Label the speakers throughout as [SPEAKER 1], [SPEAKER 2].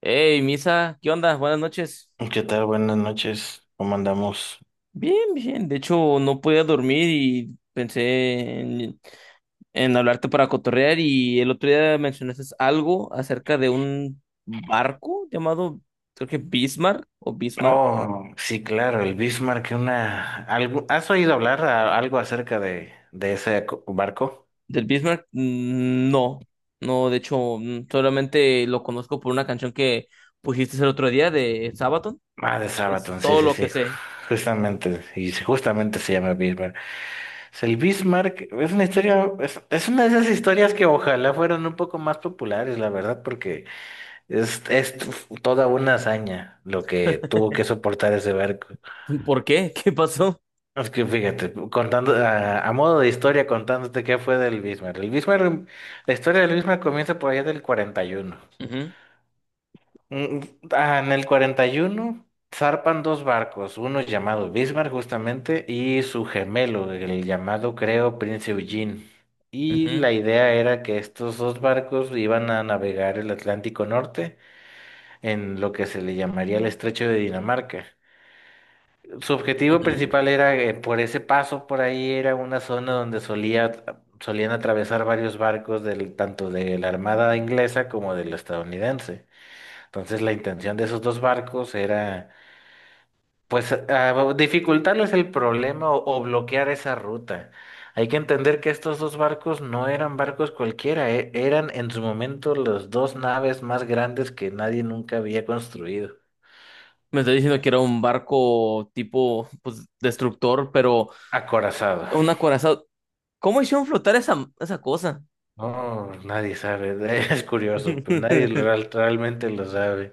[SPEAKER 1] Hey, Misa, ¿qué onda? Buenas noches.
[SPEAKER 2] ¿Qué tal? Buenas noches. ¿Cómo andamos?
[SPEAKER 1] Bien, bien. De hecho, no podía dormir y pensé en hablarte para cotorrear. Y el otro día mencionaste algo acerca de un barco llamado, creo que Bismarck o Bismarck.
[SPEAKER 2] Oh, sí, claro, el Bismarck, ¿Has oído hablar algo acerca de ese barco?
[SPEAKER 1] ¿Del Bismarck? No, no, de hecho, solamente lo conozco por una canción que pusiste el otro día de Sabaton.
[SPEAKER 2] Ah, de
[SPEAKER 1] Es
[SPEAKER 2] Sabaton, sí,
[SPEAKER 1] todo
[SPEAKER 2] sí,
[SPEAKER 1] lo que
[SPEAKER 2] sí.
[SPEAKER 1] sé.
[SPEAKER 2] Justamente, y sí, justamente se llama Bismarck. Es el Bismarck, es una historia, es una de esas historias que ojalá fueran un poco más populares, la verdad, porque es toda una hazaña lo que tuvo que soportar ese barco.
[SPEAKER 1] ¿Por qué? ¿Qué pasó?
[SPEAKER 2] Es que fíjate, contando a modo de historia, contándote qué fue del Bismarck. El Bismarck, la historia del Bismarck comienza por allá del 41.
[SPEAKER 1] Ujú,
[SPEAKER 2] Mm, En el 41 zarpan dos barcos, uno llamado Bismarck justamente y su gemelo, el llamado creo Prince Eugene. Y
[SPEAKER 1] ujú,
[SPEAKER 2] la idea era que estos dos barcos iban a navegar el Atlántico Norte en lo que se le llamaría el Estrecho de Dinamarca. Su objetivo
[SPEAKER 1] ujú.
[SPEAKER 2] principal era, por ese paso por ahí, era una zona donde solían atravesar varios barcos del, tanto de la Armada inglesa como del estadounidense. Entonces la intención de esos dos barcos era, pues, dificultarles el problema o bloquear esa ruta. Hay que entender que estos dos barcos no eran barcos cualquiera, eran en su momento las dos naves más grandes que nadie nunca había construido.
[SPEAKER 1] Me está diciendo que era un barco tipo, pues, destructor, pero
[SPEAKER 2] Acorazado.
[SPEAKER 1] un acorazado. ¿Cómo hicieron flotar esa, esa cosa?
[SPEAKER 2] No, nadie sabe, es curioso, pero nadie realmente lo sabe.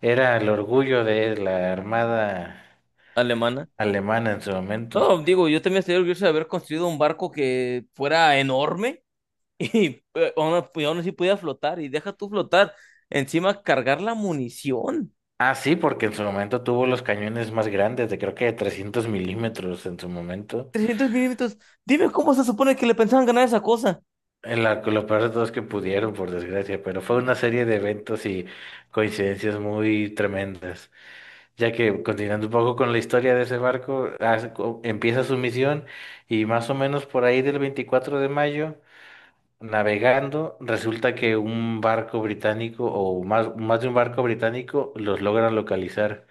[SPEAKER 2] Era el orgullo de la armada
[SPEAKER 1] Alemana.
[SPEAKER 2] alemana en su momento.
[SPEAKER 1] No, digo, yo también estoy orgulloso de haber construido un barco que fuera enorme y y aún así pudiera flotar. Y deja tú flotar. Encima, cargar la munición.
[SPEAKER 2] Ah, sí, porque en su momento tuvo los cañones más grandes, de creo que de 300 milímetros en su momento.
[SPEAKER 1] 300 mm. Dime cómo se supone que le pensaban ganar esa cosa.
[SPEAKER 2] Lo peor de todo es que pudieron, por desgracia, pero fue una serie de eventos y coincidencias muy tremendas. Ya que, continuando un poco con la historia de ese barco, empieza su misión y más o menos por ahí del 24 de mayo. Navegando, resulta que un barco británico o más, más de un barco británico los logra localizar.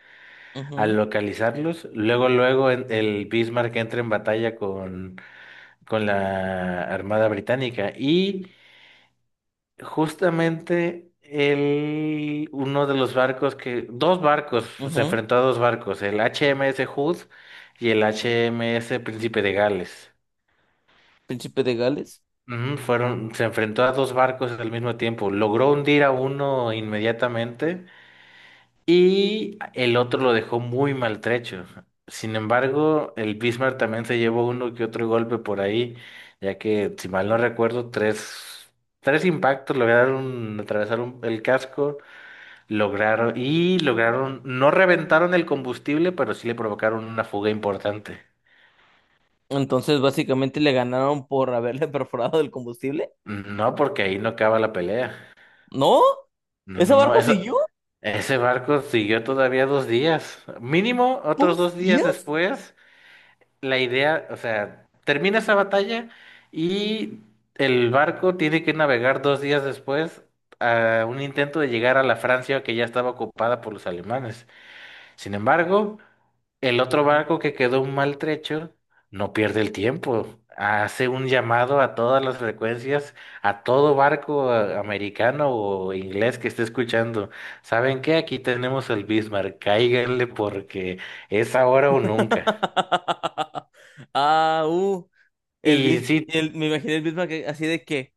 [SPEAKER 2] Al
[SPEAKER 1] Ujú,
[SPEAKER 2] localizarlos, luego, luego el Bismarck entra en batalla con la Armada Británica y justamente el, uno de los barcos que, dos barcos, se
[SPEAKER 1] ujú.
[SPEAKER 2] enfrentó a dos barcos, el HMS Hood y el HMS Príncipe de Gales.
[SPEAKER 1] Príncipe de Gales.
[SPEAKER 2] Ujú. Se enfrentó a dos barcos al mismo tiempo. Logró hundir a uno inmediatamente y el otro lo dejó muy maltrecho. Sin embargo, el Bismarck también se llevó uno que otro golpe por ahí, ya que, si mal no recuerdo, tres impactos lograron atravesar el casco, lograron y lograron, no reventaron el combustible, pero sí le provocaron una fuga importante.
[SPEAKER 1] Entonces, básicamente le ganaron por haberle perforado el combustible.
[SPEAKER 2] No, porque ahí no acaba la pelea.
[SPEAKER 1] ¿No?
[SPEAKER 2] No,
[SPEAKER 1] ¿Ese
[SPEAKER 2] no, no,
[SPEAKER 1] barco
[SPEAKER 2] eso,
[SPEAKER 1] siguió?
[SPEAKER 2] ese barco siguió todavía dos días. Mínimo, otros
[SPEAKER 1] ¿Dos
[SPEAKER 2] dos días
[SPEAKER 1] días?
[SPEAKER 2] después, la idea, o sea, termina esa batalla y el barco tiene que navegar dos días después a un intento de llegar a la Francia que ya estaba ocupada por los alemanes. Sin embargo, el otro
[SPEAKER 1] Ujú.
[SPEAKER 2] barco que quedó maltrecho no pierde el tiempo. Hace un llamado a todas las frecuencias, a todo barco, americano o inglés que esté escuchando. ¿Saben qué? Aquí tenemos el Bismarck. Cáiganle porque es ahora o nunca.
[SPEAKER 1] Ah, uh,
[SPEAKER 2] Y sí,
[SPEAKER 1] Me imaginé el Bismarck que, así de que,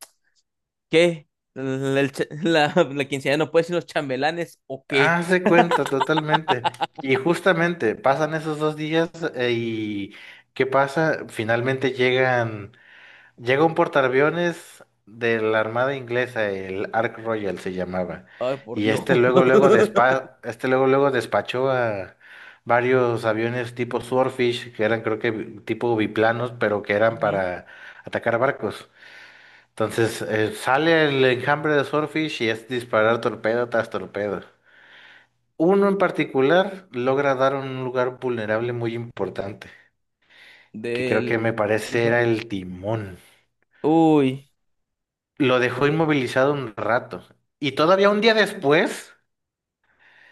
[SPEAKER 1] ¿qué? ¿La, el cha- la quinceañera no puede ser los chambelanes o qué?
[SPEAKER 2] hace cuenta totalmente. Y justamente pasan esos dos días, y ¿qué pasa? Finalmente llegan. Llega un portaaviones de la Armada Inglesa, el Ark Royal se llamaba,
[SPEAKER 1] Ay, por
[SPEAKER 2] y
[SPEAKER 1] Dios. Ujú.
[SPEAKER 2] este luego luego despachó a varios aviones tipo Swordfish, que eran creo que tipo biplanos, pero que eran para atacar barcos. Entonces, sale el enjambre de Swordfish y es disparar torpedo tras torpedo. Uno en particular logra dar un lugar vulnerable muy importante, que creo
[SPEAKER 1] Del
[SPEAKER 2] que me parece
[SPEAKER 1] Bismarck.
[SPEAKER 2] era el timón.
[SPEAKER 1] Uy,
[SPEAKER 2] Lo dejó inmovilizado un rato. Y todavía un día después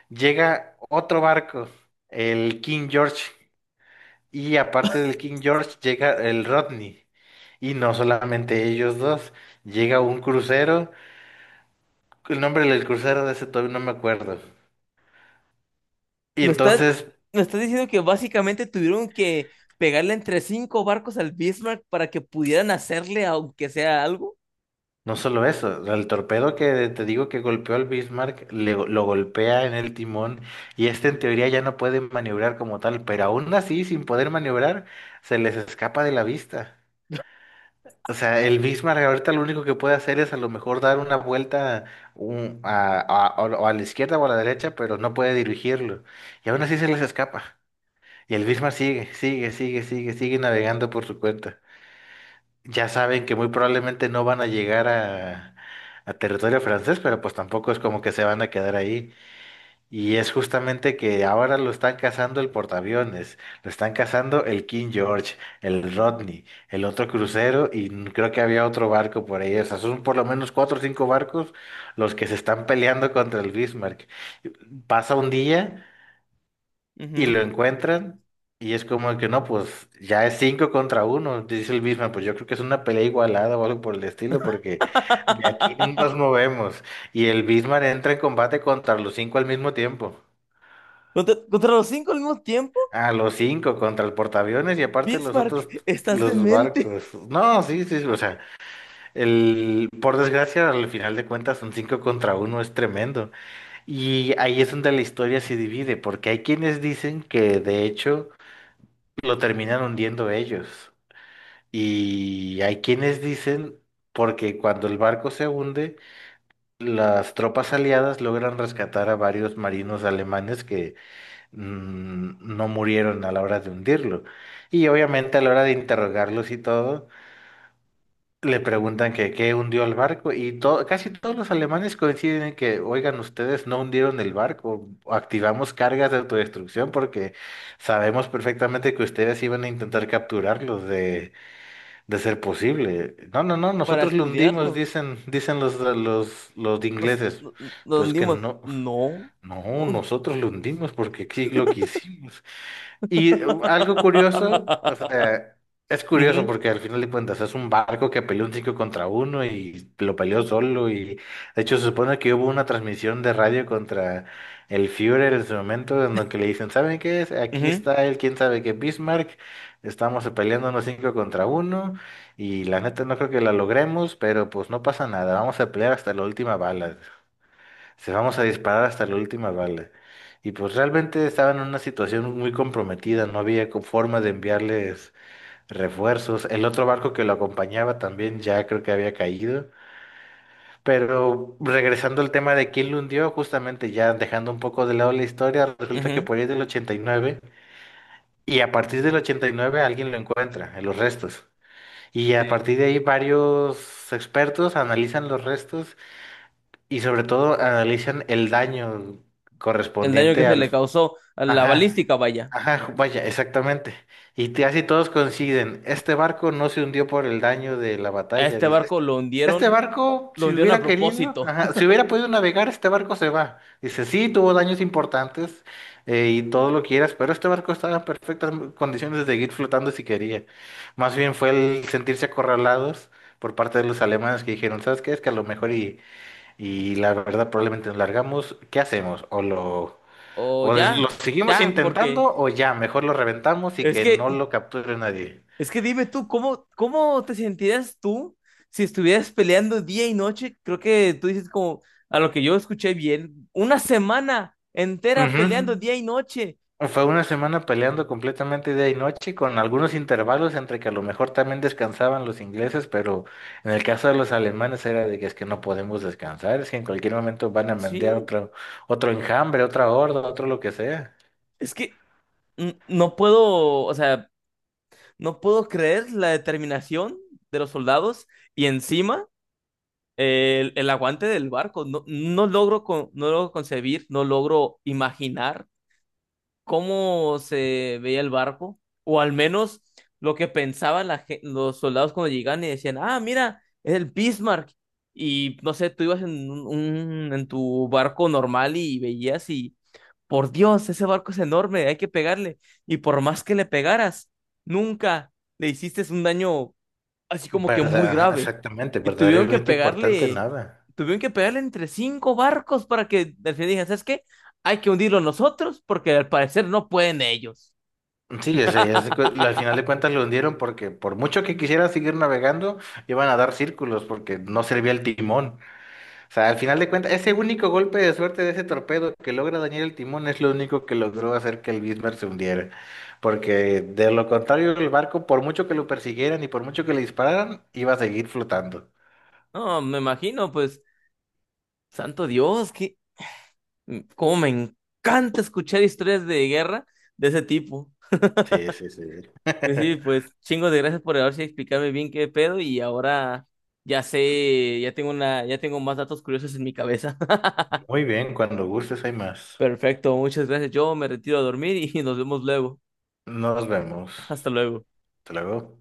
[SPEAKER 2] llega otro barco, el King George. Y aparte del King George llega el Rodney. Y no solamente ellos dos, llega un crucero. El nombre del crucero de ese todavía no me acuerdo. Y
[SPEAKER 1] me estás,
[SPEAKER 2] entonces,
[SPEAKER 1] me estás diciendo que básicamente tuvieron que pegarle entre cinco barcos al Bismarck para que pudieran hacerle aunque sea algo.
[SPEAKER 2] no solo eso, el torpedo que te digo que golpeó al Bismarck, lo golpea en el timón y este en teoría ya no puede maniobrar como tal, pero aún así, sin poder maniobrar, se les escapa de la vista. O sea, el Bismarck ahorita lo único que puede hacer es a lo mejor dar una vuelta o a la izquierda o a la derecha, pero no puede dirigirlo. Y aún así se les escapa. Y el Bismarck sigue, sigue, sigue, sigue, sigue navegando por su cuenta. Ya saben que muy probablemente no van a llegar a territorio francés, pero pues tampoco es como que se van a quedar ahí. Y es justamente que ahora lo están cazando el portaaviones, lo están cazando el King George, el Rodney, el otro crucero y creo que había otro barco por ahí. O sea, son por lo menos cuatro o cinco barcos los que se están peleando contra el Bismarck. Pasa un día y
[SPEAKER 1] Ujú.
[SPEAKER 2] lo encuentran y es como que no, pues ya es cinco contra uno, dice el Bismarck. Pues yo creo que es una pelea igualada o algo por el estilo porque de aquí no nos movemos. Y el Bismarck entra en combate contra los cinco al mismo tiempo.
[SPEAKER 1] Contra los cinco al mismo tiempo.
[SPEAKER 2] A los cinco contra el portaaviones y aparte los
[SPEAKER 1] Bismarck,
[SPEAKER 2] otros,
[SPEAKER 1] estás
[SPEAKER 2] los
[SPEAKER 1] demente
[SPEAKER 2] barcos. No, sí, sí, o sea, el, por desgracia, al final de cuentas, un cinco contra uno es tremendo. Y ahí es donde la historia se divide, porque hay quienes dicen que de hecho lo terminan hundiendo ellos. Y hay quienes dicen, porque cuando el barco se hunde, las tropas aliadas logran rescatar a varios marinos alemanes que no murieron a la hora de hundirlo. Y obviamente a la hora de interrogarlos y todo, le preguntan que qué hundió el barco y casi todos los alemanes coinciden en que, oigan, ustedes no hundieron el barco, activamos cargas de autodestrucción porque sabemos perfectamente que ustedes iban a intentar capturarlos de ser posible. No, no, no,
[SPEAKER 1] para
[SPEAKER 2] nosotros lo hundimos,
[SPEAKER 1] estudiarlo.
[SPEAKER 2] dicen los ingleses.
[SPEAKER 1] Nos
[SPEAKER 2] Pero es que
[SPEAKER 1] hundimos.
[SPEAKER 2] no,
[SPEAKER 1] No.
[SPEAKER 2] no, nosotros lo hundimos porque aquí lo quisimos. Y algo curioso, o sea, es curioso
[SPEAKER 1] Ujú,
[SPEAKER 2] porque al final de cuentas es un barco que peleó un 5 contra uno y lo peleó solo y de hecho se supone que hubo una transmisión de radio contra el Führer en su momento en donde le dicen, ¿saben qué es? Aquí
[SPEAKER 1] ujú,
[SPEAKER 2] está el quién sabe qué Bismarck, estamos peleando unos 5 contra uno y la neta no creo que la logremos, pero pues no pasa nada, vamos a pelear hasta la última bala. Se vamos a disparar hasta la última bala. Y pues realmente estaban en una situación muy comprometida, no había forma de enviarles refuerzos. El otro barco que lo acompañaba también ya creo que había caído. Pero regresando al tema de quién lo hundió, justamente ya dejando un poco de lado la historia, resulta que
[SPEAKER 1] ujú.
[SPEAKER 2] por ahí del 89 y a partir del 89 alguien lo encuentra en los restos. Y
[SPEAKER 1] Sí.
[SPEAKER 2] a partir de ahí varios expertos analizan los restos y sobre todo analizan el daño
[SPEAKER 1] El daño que
[SPEAKER 2] correspondiente
[SPEAKER 1] se
[SPEAKER 2] al...
[SPEAKER 1] le causó a la
[SPEAKER 2] Ajá,
[SPEAKER 1] balística, vaya.
[SPEAKER 2] ajá, vaya, exactamente. Y casi todos coinciden, este barco no se hundió por el daño de la
[SPEAKER 1] A
[SPEAKER 2] batalla,
[SPEAKER 1] este
[SPEAKER 2] dice
[SPEAKER 1] barco
[SPEAKER 2] este. Este barco,
[SPEAKER 1] lo
[SPEAKER 2] si
[SPEAKER 1] hundieron a
[SPEAKER 2] hubiera querido,
[SPEAKER 1] propósito.
[SPEAKER 2] ajá, si hubiera podido navegar, este barco se va. Dice, sí, tuvo daños importantes, y todo lo quieras, pero este barco estaba en perfectas condiciones de seguir flotando si quería. Más bien fue el sentirse acorralados por parte de los alemanes que dijeron, ¿sabes qué? Es que a lo mejor y la verdad, probablemente nos largamos. ¿Qué hacemos? ¿O lo,
[SPEAKER 1] O
[SPEAKER 2] o
[SPEAKER 1] ya,
[SPEAKER 2] lo seguimos
[SPEAKER 1] ya, porque
[SPEAKER 2] intentando o ya, mejor lo reventamos y
[SPEAKER 1] es
[SPEAKER 2] que no
[SPEAKER 1] que
[SPEAKER 2] lo capture nadie?
[SPEAKER 1] es que dime tú, ¿cómo, cómo te sentirías tú si estuvieras peleando día y noche? Creo que tú dices como, a lo que yo escuché bien, una semana entera
[SPEAKER 2] Ujú.
[SPEAKER 1] peleando día y noche.
[SPEAKER 2] Fue una semana peleando completamente día y noche con algunos intervalos entre que a lo mejor también descansaban los ingleses, pero en el caso de los alemanes era de que es que no podemos descansar, es que en cualquier momento van a mandar
[SPEAKER 1] Sí,
[SPEAKER 2] otro enjambre, otra horda, otro lo que sea.
[SPEAKER 1] es que no puedo, o sea, no puedo creer la determinación de los soldados. Y encima el aguante del barco. No, no logro concebir, no logro imaginar cómo se veía el barco, o al menos lo que pensaban los soldados cuando llegaban y decían, ah, mira, es el Bismarck. Y no sé, tú ibas en en tu barco normal y veías y, por Dios, ese barco es enorme, hay que pegarle. Y por más que le pegaras, nunca le hiciste un daño así como que muy
[SPEAKER 2] Verdad,
[SPEAKER 1] grave.
[SPEAKER 2] exactamente,
[SPEAKER 1] Y
[SPEAKER 2] verdaderamente importante nada.
[SPEAKER 1] tuvieron que pegarle entre cinco barcos para que al final dijeran, ¿sabes qué? Hay que hundirlo nosotros porque al parecer no pueden ellos.
[SPEAKER 2] Sí, o sea, al final de cuentas lo hundieron porque por mucho que quisiera seguir navegando, iban a dar círculos porque no servía el timón. O sea, al final de cuentas, ese único golpe de suerte de ese torpedo que logra dañar el timón es lo único que logró hacer que el Bismarck se hundiera. Porque de lo contrario, el barco, por mucho que lo persiguieran y por mucho que le dispararan, iba a seguir flotando.
[SPEAKER 1] No, me imagino, pues, santo Dios, que cómo me encanta escuchar historias de guerra de ese tipo.
[SPEAKER 2] Sí, sí, sí.
[SPEAKER 1] Y sí, pues, chingo de gracias por haberse explicarme bien qué pedo. Y ahora ya sé, ya tengo más datos curiosos en mi cabeza.
[SPEAKER 2] Muy bien, cuando gustes hay más.
[SPEAKER 1] Perfecto, muchas gracias. Yo me retiro a dormir y nos vemos luego.
[SPEAKER 2] Nos vemos.
[SPEAKER 1] Hasta luego.
[SPEAKER 2] Hasta luego.